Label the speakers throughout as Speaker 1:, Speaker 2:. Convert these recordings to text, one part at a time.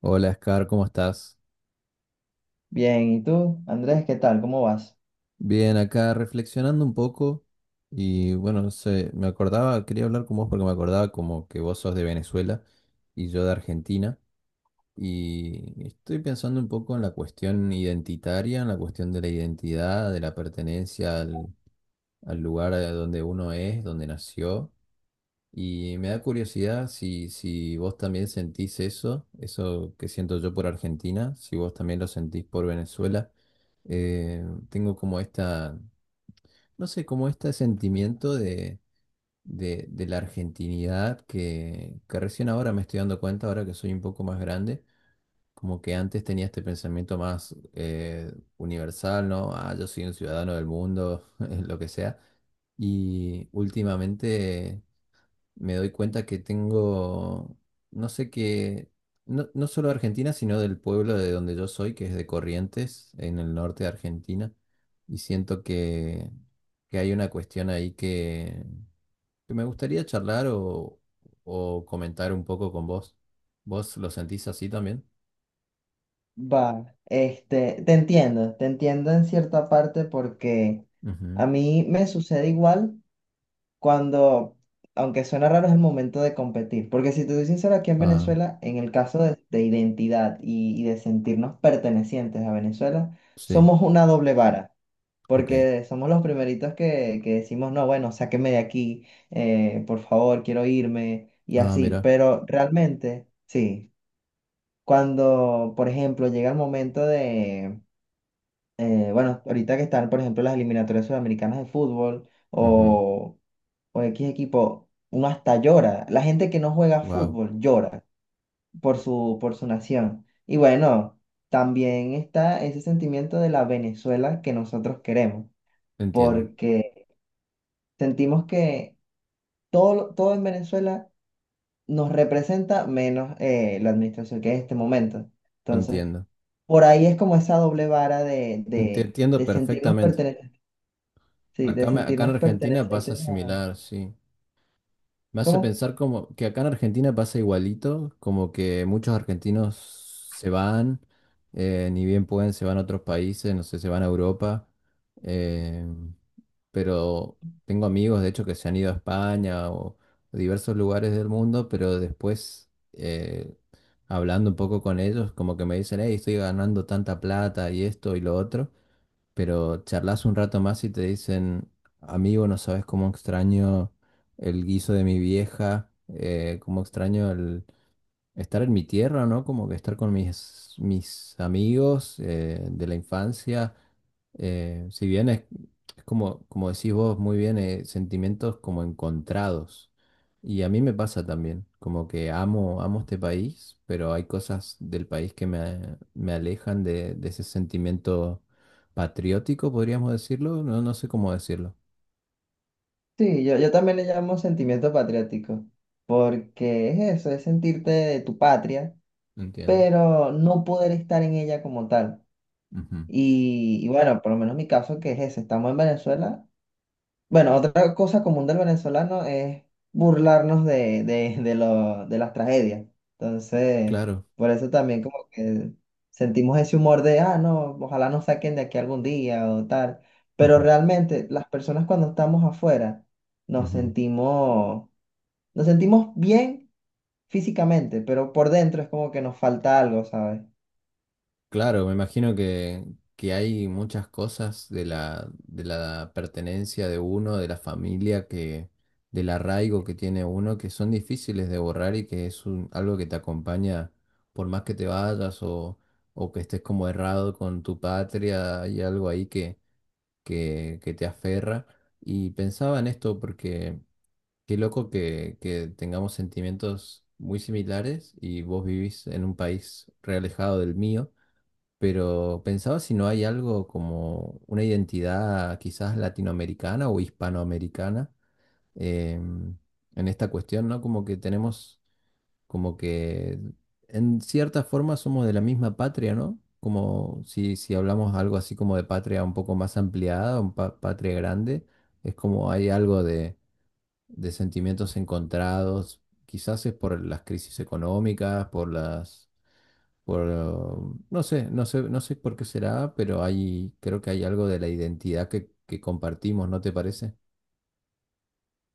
Speaker 1: Hola, Scar, ¿cómo estás?
Speaker 2: Bien, ¿y tú, Andrés, qué tal? ¿Cómo vas?
Speaker 1: Bien, acá reflexionando un poco y bueno, no sé, me acordaba, quería hablar con vos porque me acordaba como que vos sos de Venezuela y yo de Argentina y estoy pensando un poco en la cuestión identitaria, en la cuestión de la identidad, de la pertenencia al lugar a donde uno es, donde nació. Y me da curiosidad si vos también sentís eso que siento yo por Argentina, si vos también lo sentís por Venezuela. Tengo como esta, no sé, como este sentimiento de la argentinidad que recién ahora me estoy dando cuenta, ahora que soy un poco más grande, como que antes tenía este pensamiento más universal, ¿no? Ah, yo soy un ciudadano del mundo, lo que sea. Y últimamente me doy cuenta que tengo, no sé qué, no, no solo de Argentina, sino del pueblo de donde yo soy, que es de Corrientes, en el norte de Argentina, y siento que hay una cuestión ahí que me gustaría charlar o comentar un poco con vos. ¿Vos lo sentís así también?
Speaker 2: Va, te entiendo en cierta parte porque
Speaker 1: Ujú.
Speaker 2: a mí me sucede igual cuando, aunque suena raro, es el momento de competir. Porque si te soy sincero, aquí en
Speaker 1: Ah,
Speaker 2: Venezuela, en el caso de identidad y de sentirnos pertenecientes a Venezuela,
Speaker 1: sí,
Speaker 2: somos una doble vara.
Speaker 1: ok.
Speaker 2: Porque somos los primeritos que decimos, no, bueno, sáqueme de aquí, por favor, quiero irme, y
Speaker 1: Ah,
Speaker 2: así.
Speaker 1: mira.
Speaker 2: Pero realmente, sí. Cuando, por ejemplo, llega el momento de, bueno, ahorita que están, por ejemplo, las eliminatorias sudamericanas de fútbol o X equipo, uno hasta llora. La gente que no juega
Speaker 1: Wow,
Speaker 2: fútbol llora por su nación. Y bueno, también está ese sentimiento de la Venezuela que nosotros queremos,
Speaker 1: entiendo,
Speaker 2: porque sentimos que todo, todo en Venezuela nos representa menos la administración que es en este momento. Entonces,
Speaker 1: entiendo.
Speaker 2: por ahí es como esa doble vara de,
Speaker 1: Te
Speaker 2: de,
Speaker 1: entiendo
Speaker 2: de sentirnos
Speaker 1: perfectamente.
Speaker 2: pertenecientes. Sí, de
Speaker 1: Acá, acá en
Speaker 2: sentirnos
Speaker 1: Argentina pasa
Speaker 2: pertenecientes a...
Speaker 1: similar, sí. Me hace
Speaker 2: ¿Cómo?
Speaker 1: pensar como que acá en Argentina pasa igualito, como que muchos argentinos se van, ni bien pueden, se van a otros países, no sé, se van a Europa. eh, pero tengo amigos, de hecho, que se han ido a España o a diversos lugares del mundo, pero después, hablando un poco con ellos, como que me dicen, hey, estoy ganando tanta plata y esto y lo otro pero charlas un rato más y te dicen, amigo, no sabes cómo extraño el guiso de mi vieja, cómo extraño estar en mi tierra, ¿no? Como que estar con mis amigos de la infancia. Si bien es como decís vos muy bien, sentimientos como encontrados. Y a mí me pasa también, como que amo, amo este país, pero hay cosas del país que me alejan de ese sentimiento patriótico, podríamos decirlo. No, no sé cómo decirlo.
Speaker 2: Sí, yo también le llamo sentimiento patriótico, porque es eso, es sentirte de tu patria,
Speaker 1: Entiendo.
Speaker 2: pero no poder estar en ella como tal.
Speaker 1: Ujú.
Speaker 2: Y bueno, por lo menos mi caso que es ese, estamos en Venezuela. Bueno, otra cosa común del venezolano es burlarnos de de las tragedias. Entonces,
Speaker 1: Claro.
Speaker 2: por eso también como que sentimos ese humor de, ah, no, ojalá nos saquen de aquí algún día o tal. Pero realmente las personas cuando estamos afuera nos
Speaker 1: Ujú.
Speaker 2: sentimos, nos sentimos bien físicamente, pero por dentro es como que nos falta algo, ¿sabes?
Speaker 1: Claro, me imagino que hay muchas cosas de la pertenencia de uno, de la familia, del arraigo que tiene uno, que son difíciles de borrar y que es algo que te acompaña por más que te vayas o que estés como errado con tu patria, hay algo ahí que te aferra. Y pensaba en esto porque qué loco que tengamos sentimientos muy similares y vos vivís en un país realejado del mío pero pensaba si no hay algo como una identidad quizás latinoamericana o hispanoamericana em, en esta cuestión, ¿no? Como que tenemos, como que en cierta forma somos de la misma patria, ¿no? Como si hablamos algo así como de patria un poco más ampliada, un patria grande, es como hay algo de sentimientos encontrados, quizás es por las crisis económicas, no sé, no sé, no sé por qué será, pero creo que hay algo de la identidad que compartimos, ¿no te parece?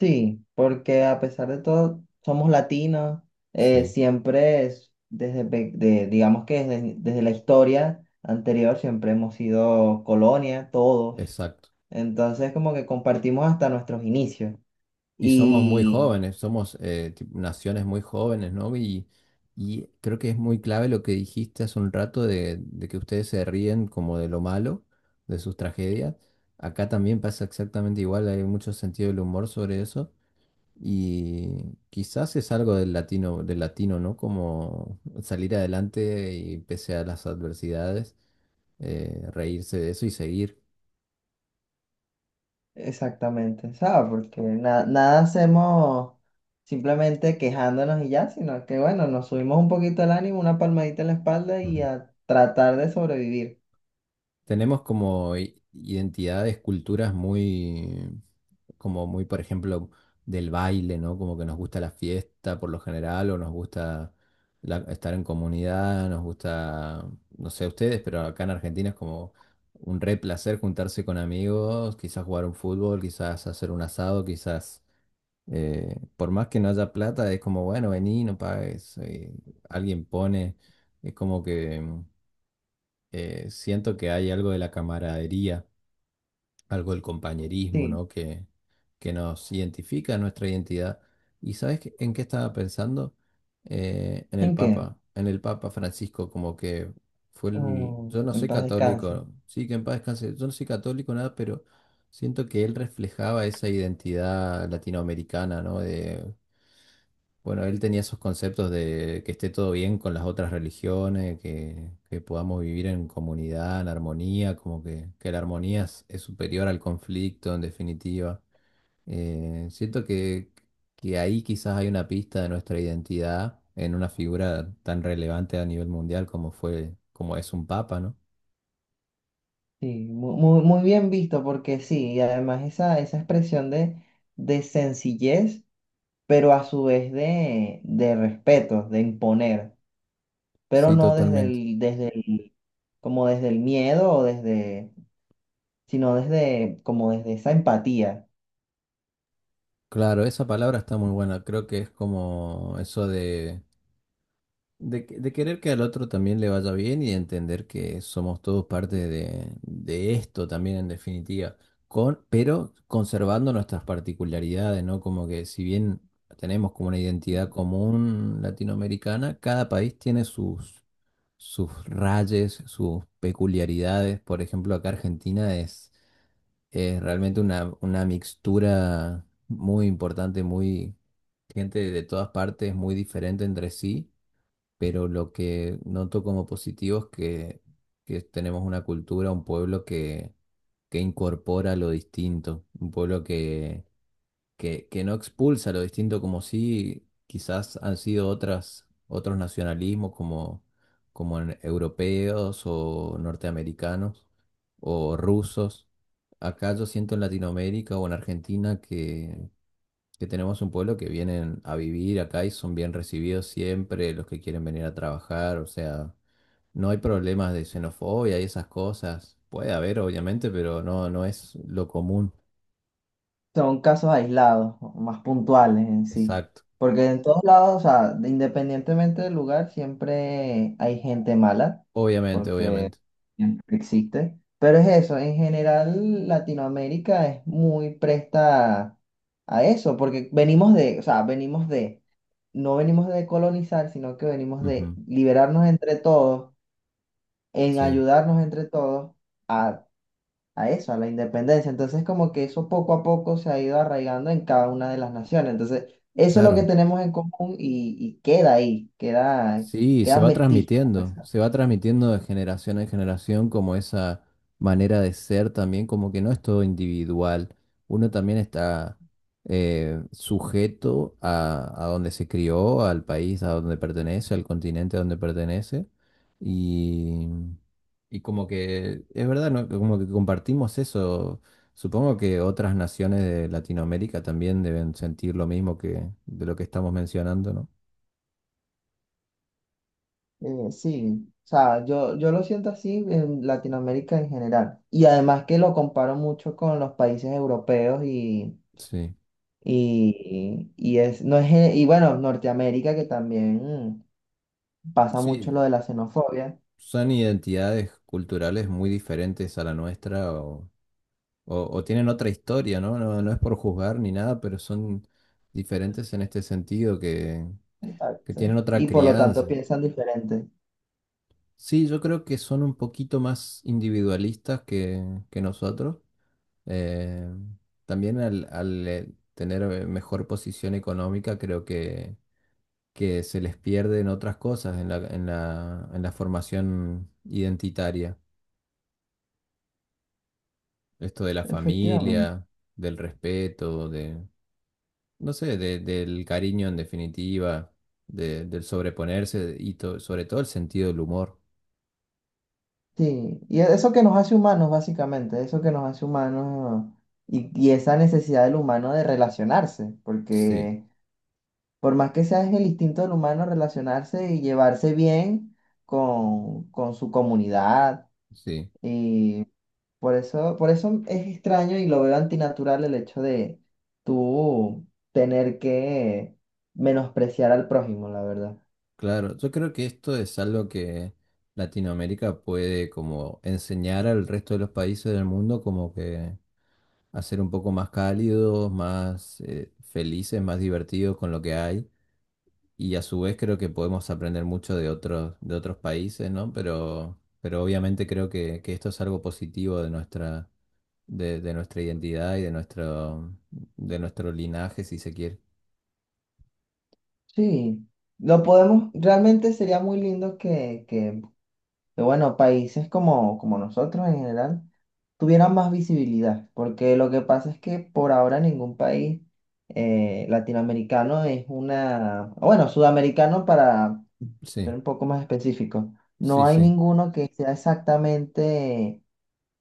Speaker 2: Sí, porque a pesar de todo, somos latinos,
Speaker 1: Sí,
Speaker 2: siempre es desde, digamos que desde, desde la historia anterior siempre hemos sido colonia, todos.
Speaker 1: exacto.
Speaker 2: Entonces como que compartimos hasta nuestros inicios.
Speaker 1: Y somos muy
Speaker 2: Y
Speaker 1: jóvenes, somos naciones muy jóvenes, ¿no? Y creo que es muy clave lo que dijiste hace un rato de que ustedes se ríen como de lo malo, de sus tragedias. Acá también pasa exactamente igual, hay mucho sentido del humor sobre eso. Y quizás es algo del latino, ¿no? Como salir adelante y pese a las adversidades, reírse de eso y seguir.
Speaker 2: exactamente, ¿sabes? Porque nada hacemos simplemente quejándonos y ya, sino que bueno, nos subimos un poquito el ánimo, una palmadita en la espalda y
Speaker 1: Ujú.
Speaker 2: a tratar de sobrevivir.
Speaker 1: Tenemos como identidades, culturas como muy, por ejemplo, del baile, ¿no? Como que nos gusta la fiesta por lo general, o nos gusta estar en comunidad, nos gusta, no sé ustedes, pero acá en Argentina es como un re placer juntarse con amigos, quizás jugar un fútbol, quizás hacer un asado, quizás, por más que no haya plata, es como, bueno, vení, no pagues, alguien pone, es como que siento que hay algo de la camaradería algo del compañerismo,
Speaker 2: Sí,
Speaker 1: ¿no? Que nos identifica nuestra identidad. ¿Y sabes en qué estaba pensando? En el
Speaker 2: ¿en qué?
Speaker 1: Papa, en el Papa Francisco, como que
Speaker 2: Oh,
Speaker 1: yo no
Speaker 2: en
Speaker 1: soy
Speaker 2: paz descanse.
Speaker 1: católico, sí, que en paz descanse, yo no soy católico, nada, pero siento que él reflejaba esa identidad latinoamericana, ¿no? De bueno, él tenía esos conceptos de que esté todo bien con las otras religiones, que podamos vivir en comunidad, en armonía, como que la armonía es superior al conflicto en definitiva. Siento que ahí quizás hay una pista de nuestra identidad en una figura tan relevante a nivel mundial como fue, como es un papa, ¿no?
Speaker 2: Sí, muy, muy bien visto porque sí, y además esa, esa expresión de sencillez, pero a su vez de respeto, de imponer, pero
Speaker 1: Sí,
Speaker 2: no desde
Speaker 1: totalmente.
Speaker 2: el, como desde el miedo o desde, sino desde, como desde esa empatía.
Speaker 1: Claro, esa palabra está muy buena. Creo que es como eso de querer que al otro también le vaya bien y de entender que somos todos parte de esto también en definitiva, pero conservando nuestras particularidades, ¿no? Como que si bien tenemos como una identidad común latinoamericana, cada país tiene sus rayes, sus peculiaridades. Por ejemplo, acá Argentina es realmente una mixtura muy importante, muy gente de todas partes, muy diferente entre sí pero lo que noto como positivo es que tenemos una cultura, un pueblo que incorpora lo distinto, un pueblo que no expulsa lo distinto como si quizás han sido otras, otros nacionalismos como europeos o norteamericanos o rusos. Acá yo siento en Latinoamérica o en Argentina que tenemos un pueblo que vienen a vivir acá y son bien recibidos siempre los que quieren venir a trabajar, o sea, no hay problemas de xenofobia y esas cosas. Puede haber, obviamente, pero no, no es lo común.
Speaker 2: Son casos aislados, más puntuales en sí.
Speaker 1: Exacto.
Speaker 2: Porque en todos lados, o sea, independientemente del lugar, siempre hay gente mala,
Speaker 1: Obviamente,
Speaker 2: porque
Speaker 1: obviamente.
Speaker 2: siempre existe. Pero es eso, en general Latinoamérica es muy presta a eso, porque venimos de, o sea, venimos de, no venimos de colonizar, sino que venimos de
Speaker 1: Ujú.
Speaker 2: liberarnos entre todos, en
Speaker 1: Sí,
Speaker 2: ayudarnos entre todos a a eso, a la independencia. Entonces, como que eso poco a poco se ha ido arraigando en cada una de las naciones. Entonces, eso es lo que
Speaker 1: claro.
Speaker 2: tenemos en común y queda ahí, queda,
Speaker 1: Sí, se
Speaker 2: quedan
Speaker 1: va
Speaker 2: vestigios, pues.
Speaker 1: transmitiendo, se va transmitiendo de generación en generación como esa manera de ser también, como que no es todo individual, uno también está sujeto a donde se crió, al país a donde pertenece, al continente a donde pertenece, y, y como que es verdad, ¿no? Como que compartimos eso, supongo que otras naciones de Latinoamérica también deben sentir lo mismo que de lo que estamos mencionando, ¿no?
Speaker 2: Sí, o sea, yo lo siento así en Latinoamérica en general. Y además que lo comparo mucho con los países europeos
Speaker 1: Sí.
Speaker 2: y es, no es, y bueno, Norteamérica que también mm, pasa mucho
Speaker 1: Sí,
Speaker 2: lo de la xenofobia.
Speaker 1: son identidades culturales muy diferentes a la nuestra o tienen otra historia, ¿no? No, no es por juzgar ni nada, pero son diferentes en este sentido, que
Speaker 2: Exacto.
Speaker 1: tienen otra
Speaker 2: Y por lo tanto
Speaker 1: crianza.
Speaker 2: piensan diferente.
Speaker 1: Sí, yo creo que son un poquito más individualistas que nosotros. Eh, También al tener mejor posición económica, creo que se les pierden otras cosas en la formación identitaria. Esto de la
Speaker 2: Efectivamente.
Speaker 1: familia, del respeto, no sé, del cariño en definitiva, del sobreponerse y sobre todo el sentido del humor.
Speaker 2: Sí, eso que nos hace humanos, básicamente, eso que nos hace humanos y esa necesidad del humano de relacionarse,
Speaker 1: Sí,
Speaker 2: porque por más que sea es el instinto del humano relacionarse y llevarse bien con su comunidad,
Speaker 1: sí,
Speaker 2: y por eso es extraño y lo veo antinatural el hecho de tú tener que menospreciar al prójimo, la verdad.
Speaker 1: claro. Yo creo que esto es algo que Latinoamérica puede como enseñar al resto de los países del mundo como que hacer un poco más cálidos, más felices, más divertidos con lo que hay. Y a su vez creo que podemos aprender mucho de otros países, ¿no? Pero obviamente creo que esto es algo positivo de nuestra identidad y de nuestro linaje, si se quiere.
Speaker 2: Sí, lo podemos, realmente sería muy lindo que bueno, países como, como nosotros en general tuvieran más visibilidad, porque lo que pasa es que por ahora ningún país latinoamericano es una, o bueno, sudamericano para ser
Speaker 1: Sí,
Speaker 2: un poco más específico, no
Speaker 1: sí,
Speaker 2: hay
Speaker 1: sí,
Speaker 2: ninguno que sea exactamente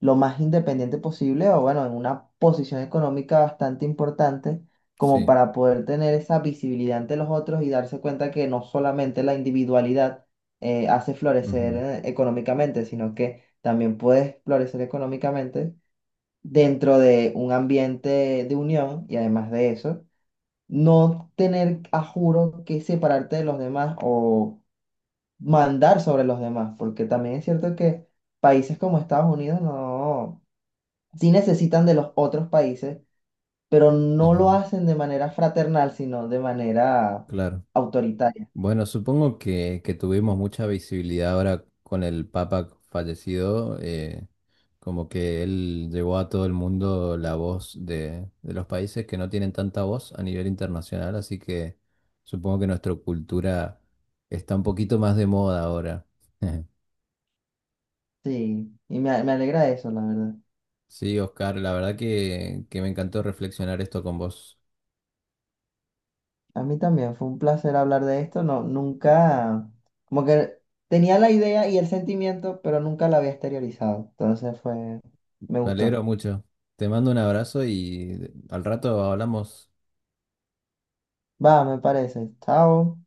Speaker 2: lo más independiente posible o bueno, en una posición económica bastante importante como
Speaker 1: sí.
Speaker 2: para poder tener esa visibilidad ante los otros y darse cuenta que no solamente la individualidad hace florecer
Speaker 1: Ujú.
Speaker 2: económicamente, sino que también puedes florecer económicamente dentro de un ambiente de unión y además de eso, no tener a juro que separarte de los demás o mandar sobre los demás, porque también es cierto que países como Estados Unidos no sí necesitan de los otros países, pero no lo
Speaker 1: Ajá,
Speaker 2: hacen de manera fraternal, sino de manera
Speaker 1: claro.
Speaker 2: autoritaria.
Speaker 1: Bueno, supongo que tuvimos mucha visibilidad ahora con el Papa fallecido, como que él llevó a todo el mundo la voz de los países que no tienen tanta voz a nivel internacional, así que supongo que nuestra cultura está un poquito más de moda ahora.
Speaker 2: Sí, me alegra eso, la verdad.
Speaker 1: Sí, Oscar, la verdad que me encantó reflexionar esto con vos.
Speaker 2: A mí también fue un placer hablar de esto. No, nunca, como que tenía la idea y el sentimiento, pero nunca la había exteriorizado. Entonces fue, me
Speaker 1: Me
Speaker 2: gustó.
Speaker 1: alegro mucho. Te mando un abrazo y al rato hablamos.
Speaker 2: Va, me parece. Chao.